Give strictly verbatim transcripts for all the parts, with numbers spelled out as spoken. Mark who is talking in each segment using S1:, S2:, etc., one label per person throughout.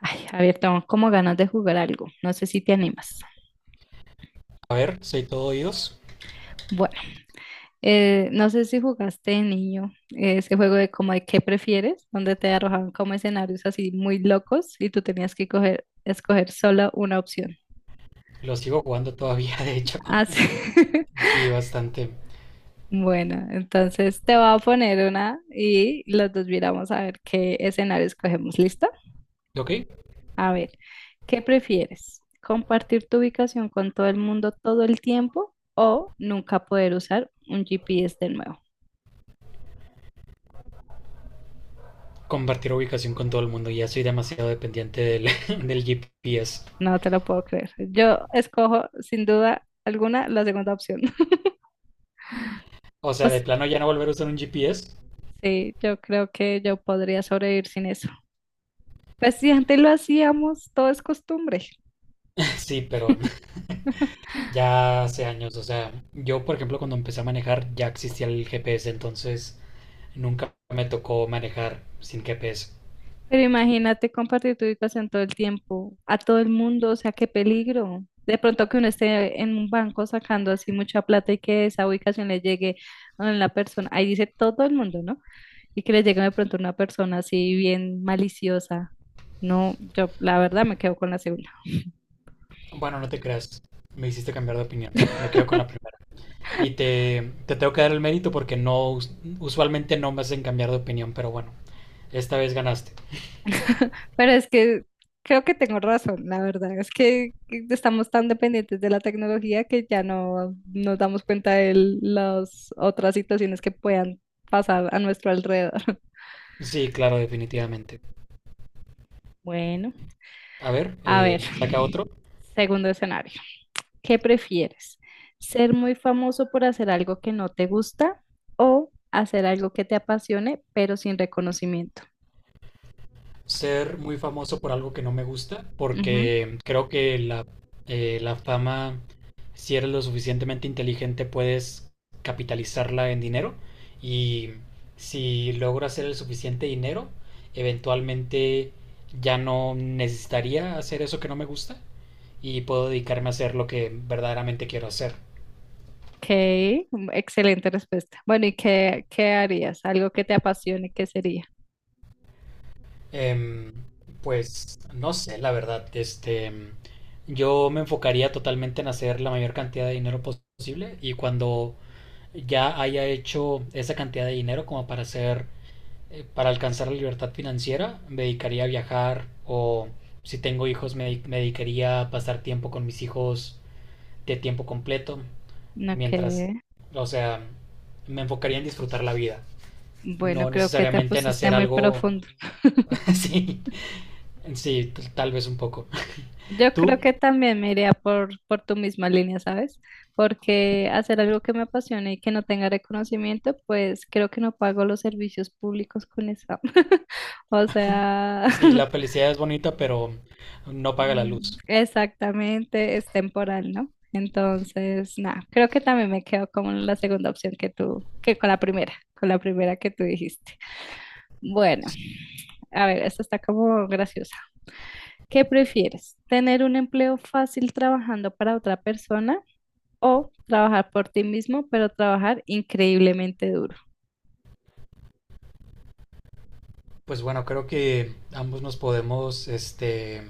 S1: Ay, a ver, tengo como ganas de jugar algo. No sé si te animas.
S2: A ver, soy todo oídos.
S1: Bueno, eh, no sé si jugaste de niño eh, ese juego de como de qué prefieres, donde te arrojaban como escenarios así muy locos y tú tenías que coger, escoger solo una opción.
S2: Lo sigo jugando todavía, de hecho.
S1: Así.
S2: Sí, bastante.
S1: Bueno, entonces te voy a poner una y los dos miramos a ver qué escenario escogemos. ¿Listo?
S2: Ok,
S1: A ver, ¿qué prefieres? ¿Compartir tu ubicación con todo el mundo todo el tiempo o nunca poder usar un G P S de nuevo?
S2: compartir ubicación con todo el mundo. Ya soy demasiado dependiente del, del G P S.
S1: No te lo puedo creer. Yo escojo sin duda alguna la segunda opción.
S2: O
S1: O
S2: sea, de
S1: s-
S2: plano ya no volver a usar un G P S.
S1: sí, yo creo que yo podría sobrevivir sin eso. Pues si antes lo hacíamos, todo es costumbre.
S2: Sí, pero ya hace años. O sea, yo, por ejemplo, cuando empecé a manejar ya existía el G P S, entonces nunca me tocó manejar sin G P S.
S1: Pero imagínate compartir tu ubicación todo el tiempo, a todo el mundo, o sea, qué peligro. De pronto que uno esté en un banco sacando así mucha plata y que esa ubicación le llegue a la persona, ahí dice todo el mundo, ¿no? Y que le llegue de pronto una persona así bien maliciosa. No, yo la verdad me quedo con la segunda.
S2: Bueno, no te creas. Me hiciste cambiar de opinión. Me quedo con la primera. Y te, te tengo que dar el mérito porque no, usualmente no me hacen cambiar de opinión, pero bueno, esta vez ganaste.
S1: Pero es que creo que tengo razón, la verdad. Es que estamos tan dependientes de la tecnología que ya no nos damos cuenta de las otras situaciones que puedan pasar a nuestro alrededor.
S2: Sí, claro, definitivamente.
S1: Bueno,
S2: A ver,
S1: a ver,
S2: eh, saca otro.
S1: segundo escenario. ¿Qué prefieres? ¿Ser muy famoso por hacer algo que no te gusta o hacer algo que te apasione pero sin reconocimiento?
S2: Ser muy famoso por algo que no me gusta,
S1: Ujú.
S2: porque creo que la, eh, la fama, si eres lo suficientemente inteligente, puedes capitalizarla en dinero. Y si logro hacer el suficiente dinero, eventualmente ya no necesitaría hacer eso que no me gusta. Y puedo dedicarme a hacer lo que verdaderamente quiero hacer.
S1: Ok, mm, excelente respuesta. Bueno, ¿y qué, qué harías? Algo que te apasione, ¿qué sería?
S2: Em, pues no sé, la verdad, este, yo me enfocaría totalmente en hacer la mayor cantidad de dinero posible y cuando ya haya hecho esa cantidad de dinero como para hacer, eh, para alcanzar la libertad financiera, me dedicaría a viajar o si tengo hijos me, me dedicaría a pasar tiempo con mis hijos de tiempo completo,
S1: Ok,
S2: mientras, o sea, me enfocaría en disfrutar la vida.
S1: bueno,
S2: No
S1: creo que te
S2: necesariamente en
S1: pusiste
S2: hacer
S1: muy
S2: algo.
S1: profundo.
S2: Sí, sí, t- tal vez un poco.
S1: Yo creo
S2: Tú,
S1: que también me iría por, por tu misma línea, ¿sabes? Porque hacer algo que me apasione y que no tenga reconocimiento, pues creo que no pago los servicios públicos con eso. O sea,
S2: sí, la felicidad es bonita, pero no paga la
S1: Mm,
S2: luz.
S1: exactamente, es temporal, ¿no? Entonces, nada, creo que también me quedo con la segunda opción que tú, que con la primera, con la primera que tú dijiste. Bueno, a ver, esta está como graciosa. ¿Qué prefieres? ¿Tener un empleo fácil trabajando para otra persona o trabajar por ti mismo, pero trabajar increíblemente duro?
S2: Pues bueno, creo que ambos nos podemos, este,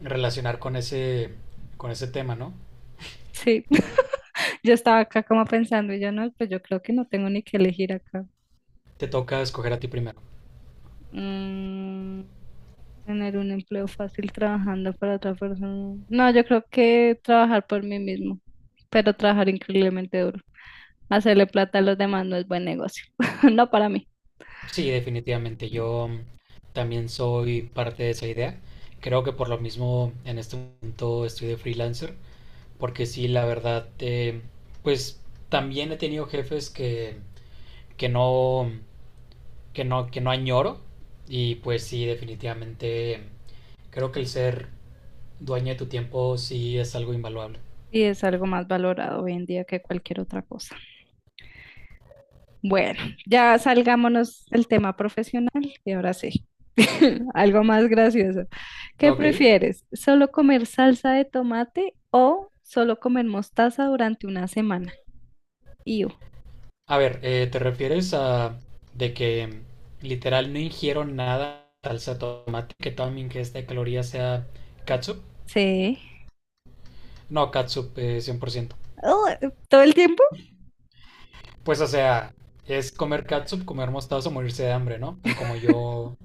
S2: relacionar con ese, con ese tema, ¿no?
S1: Sí, yo estaba acá como pensando y yo no, pues yo creo que no tengo ni que elegir acá.
S2: Te toca escoger a ti primero.
S1: Mm, tener un empleo fácil trabajando para otra persona. No, yo creo que trabajar por mí mismo, pero trabajar increíblemente duro. Hacerle plata a los demás no es buen negocio, no para mí.
S2: Sí, definitivamente. Yo también soy parte de esa idea. Creo que por lo mismo en este momento estoy de freelancer, porque sí, la verdad, eh, pues también he tenido jefes que que no, que no, que no añoro. Y pues sí, definitivamente creo que el ser dueño de tu tiempo sí es algo invaluable.
S1: Y es algo más valorado hoy en día que cualquier otra cosa. Bueno, ya salgámonos del tema profesional y ahora sí, algo más gracioso. ¿Qué
S2: Ok.
S1: prefieres? ¿Solo comer salsa de tomate o solo comer mostaza durante una semana? Iu,
S2: A ver, eh, ¿te refieres a de que literal no ingiero nada de salsa de tomate, que toda mi ingesta de calorías sea catsup?
S1: sí.
S2: No, catsup, eh, cien por ciento.
S1: Oh, ¿todo el tiempo?
S2: Pues o sea, es comer catsup, comer mostaza o morirse de hambre, ¿no? A como yo,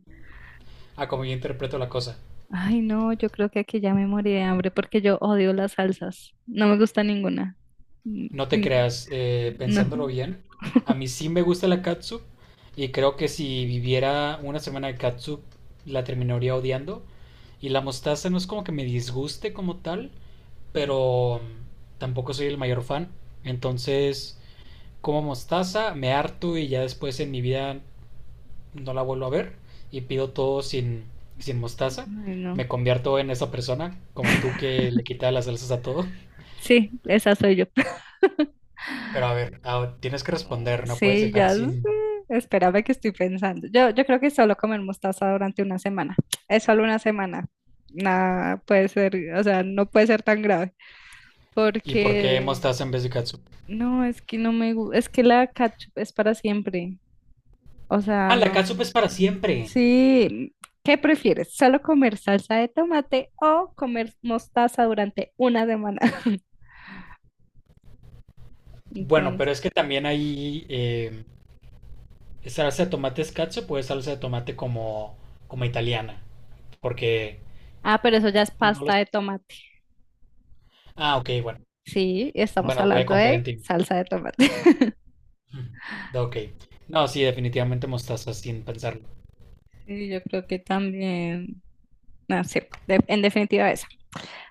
S2: a como yo interpreto la cosa.
S1: Ay, no, yo creo que aquí ya me morí de hambre porque yo odio las salsas. No me gusta ninguna. Mm,
S2: No te
S1: mm,
S2: creas, eh,
S1: no.
S2: pensándolo bien, a mí sí me gusta la catsup y creo que si viviera una semana de catsup la terminaría odiando. Y la mostaza no es como que me disguste como tal, pero mm, tampoco soy el mayor fan. Entonces, como mostaza, me harto y ya después en mi vida no la vuelvo a ver y pido todo sin, sin mostaza.
S1: Ay, no.
S2: Me convierto en esa persona, como tú que le quita las salsas a todo.
S1: Sí, esa soy yo.
S2: Pero a ver, ah, tienes que
S1: Oh,
S2: responder, no puedes
S1: sí,
S2: dejar
S1: ya sé.
S2: sin.
S1: Espérame que estoy pensando. Yo, yo creo que solo comer mostaza durante una semana. Es solo una semana. Nada puede ser, o sea, no puede ser tan grave.
S2: ¿Y por qué
S1: Porque
S2: mostaza en vez de catsup?
S1: no, es que no me gusta. Es que la ketchup es para siempre. O sea,
S2: Ah, la
S1: no.
S2: catsup es para siempre.
S1: Sí, ¿qué prefieres? ¿Solo comer salsa de tomate o comer mostaza durante una semana?
S2: Bueno, pero
S1: Entonces,
S2: es que también hay eh, salsa de tomate es catsup o es salsa de tomate como, como italiana. Porque
S1: ah, pero eso ya es
S2: no
S1: pasta
S2: los...
S1: de tomate.
S2: Ah, ok, bueno.
S1: Sí, estamos
S2: Bueno, voy a
S1: hablando
S2: confiar en
S1: de
S2: ti.
S1: salsa de tomate.
S2: Ok. No, sí, definitivamente mostaza, sin pensarlo.
S1: Sí, yo creo que también, no sé, de- en definitiva esa.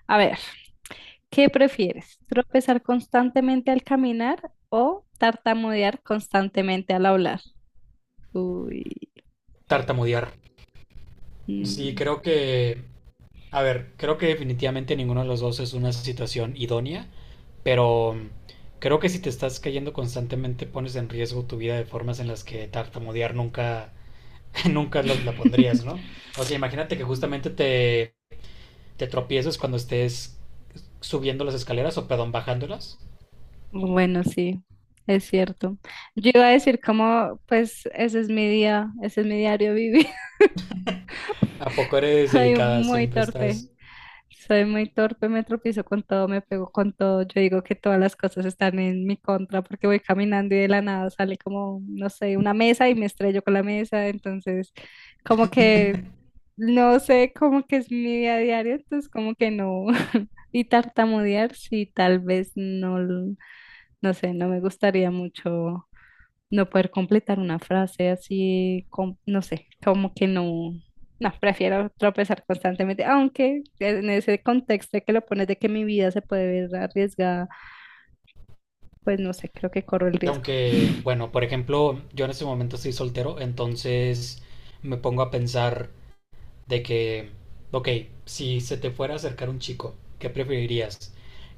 S1: A ver, ¿qué prefieres? ¿Tropezar constantemente al caminar o tartamudear constantemente al hablar? Uy.
S2: Tartamudear. Sí,
S1: Mm.
S2: creo que, a ver, creo que definitivamente ninguno de los dos es una situación idónea, pero mm, creo que si te estás cayendo constantemente pones en riesgo tu vida de formas en las que tartamudear nunca, nunca lo- la pondrías, ¿no? O sea, imagínate que justamente te, te tropiezas cuando estés subiendo las escaleras o, perdón, bajándolas.
S1: Bueno, sí, es cierto. Yo iba a decir como, pues ese es mi día, ese es mi diario vivir.
S2: ¿A poco eres
S1: Soy
S2: delicada?
S1: muy
S2: Siempre
S1: torpe,
S2: estás...
S1: soy muy torpe, me tropiezo con todo, me pego con todo. Yo digo que todas las cosas están en mi contra porque voy caminando y de la nada sale como, no sé, una mesa y me estrello con la mesa. Entonces, como que, no sé, como que es mi día a diario, entonces como que no. Y tartamudear, sí, tal vez no, no sé, no me gustaría mucho no poder completar una frase así, com- no sé, como que no, no, prefiero tropezar constantemente, aunque en ese contexto que lo pones de que mi vida se puede ver arriesgada, pues no sé, creo que corro el riesgo.
S2: Aunque, bueno, por ejemplo, yo en este momento estoy soltero, entonces me pongo a pensar... de que, ok, si se te fuera a acercar un chico, ¿qué preferirías?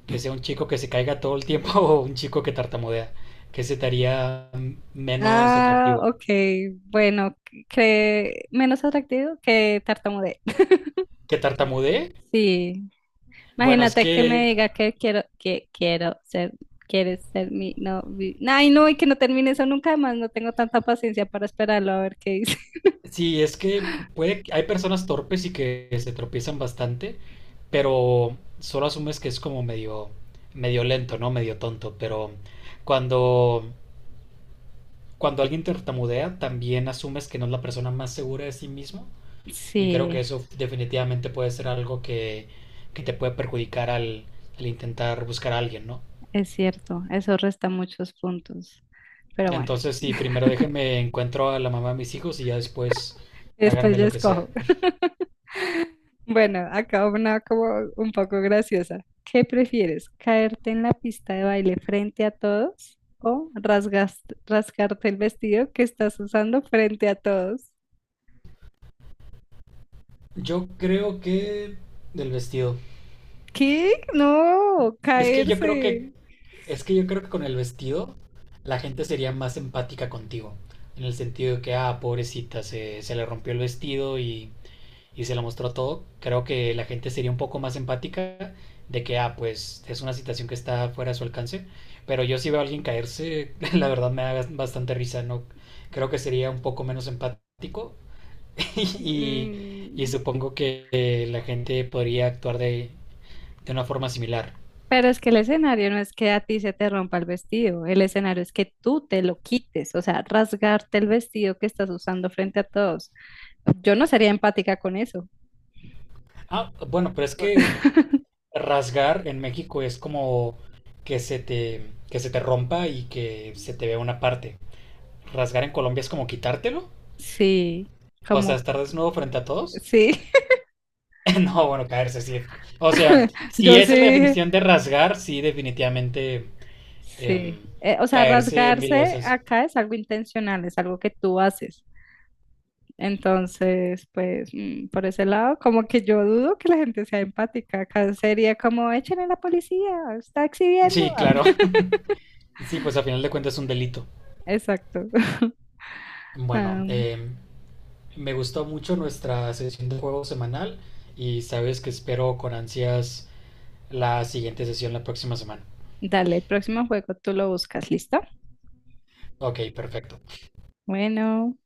S2: ¿Que sea un chico que se caiga todo el tiempo o un chico que tartamudea? ¿Qué se te haría mm, menos
S1: Ah,
S2: atractivo?
S1: ok, bueno, que menos atractivo que tartamudear.
S2: ¿Que tartamudee?
S1: Sí,
S2: Bueno, es
S1: imagínate que me
S2: que,
S1: diga que quiero, que quiero ser, quieres ser mi novio. Ay, no, y que no termine eso nunca más, no tengo tanta paciencia para esperarlo a ver qué dice.
S2: sí, es que puede, hay personas torpes y que se tropiezan bastante, pero solo asumes que es como medio, medio lento, ¿no? Medio tonto, pero cuando, cuando alguien tartamudea, también asumes que no es la persona más segura de sí mismo. Y creo que
S1: Sí,
S2: eso definitivamente puede ser algo que, que te puede perjudicar al, al intentar buscar a alguien, ¿no?
S1: es cierto, eso resta muchos puntos. Pero bueno,
S2: Entonces, sí, primero déjenme encuentro a la mamá de mis hijos y ya después
S1: después
S2: háganme
S1: yo
S2: lo que sea.
S1: escojo. Bueno, acá una como un poco graciosa. ¿Qué prefieres? ¿Caerte en la pista de baile frente a todos o rasgas- rascarte el vestido que estás usando frente a todos?
S2: Yo creo que del vestido.
S1: ¿Qué? No,
S2: Es que yo creo
S1: caerse.
S2: que es que yo creo que con el vestido la gente sería más empática contigo, en el sentido de que ah, pobrecita, se, se le rompió el vestido y y se lo mostró todo, creo que la gente sería un poco más empática de que, ah, pues es una situación que está fuera de su alcance. Pero yo si veo a alguien caerse, la verdad me da bastante risa, ¿no? Creo que sería un poco menos empático y, y
S1: Mm,
S2: supongo que eh, la gente podría actuar de, de una forma similar.
S1: Pero es que el escenario no es que a ti se te rompa el vestido, el escenario es que tú te lo quites, o sea, rasgarte el vestido que estás usando frente a todos. Yo no sería empática con eso.
S2: Ah, bueno, pero es que rasgar en México es como que se te, que se te rompa y que se te vea una parte. Rasgar en Colombia es como quitártelo.
S1: Sí,
S2: O sea,
S1: como,
S2: estar desnudo frente a todos.
S1: sí,
S2: No, bueno, caerse, sí. O sea, si
S1: yo
S2: esa es la
S1: sí,
S2: definición de rasgar, sí, definitivamente,
S1: sí.
S2: em,
S1: Eh, o sea,
S2: caerse mil
S1: rasgarse
S2: veces.
S1: acá es algo intencional, es algo que tú haces. Entonces, pues, mm, por ese lado, como que yo dudo que la gente sea empática. Acá sería como, echen a la policía, está exhibiendo.
S2: Sí, claro. Sí, pues a final de cuentas es un delito.
S1: Exacto.
S2: Bueno,
S1: Am,
S2: em, me gustó mucho nuestra sesión de juego semanal y sabes que espero con ansias la siguiente sesión la próxima semana.
S1: dale, el próximo juego tú lo buscas, ¿listo?
S2: Ok, perfecto.
S1: Bueno.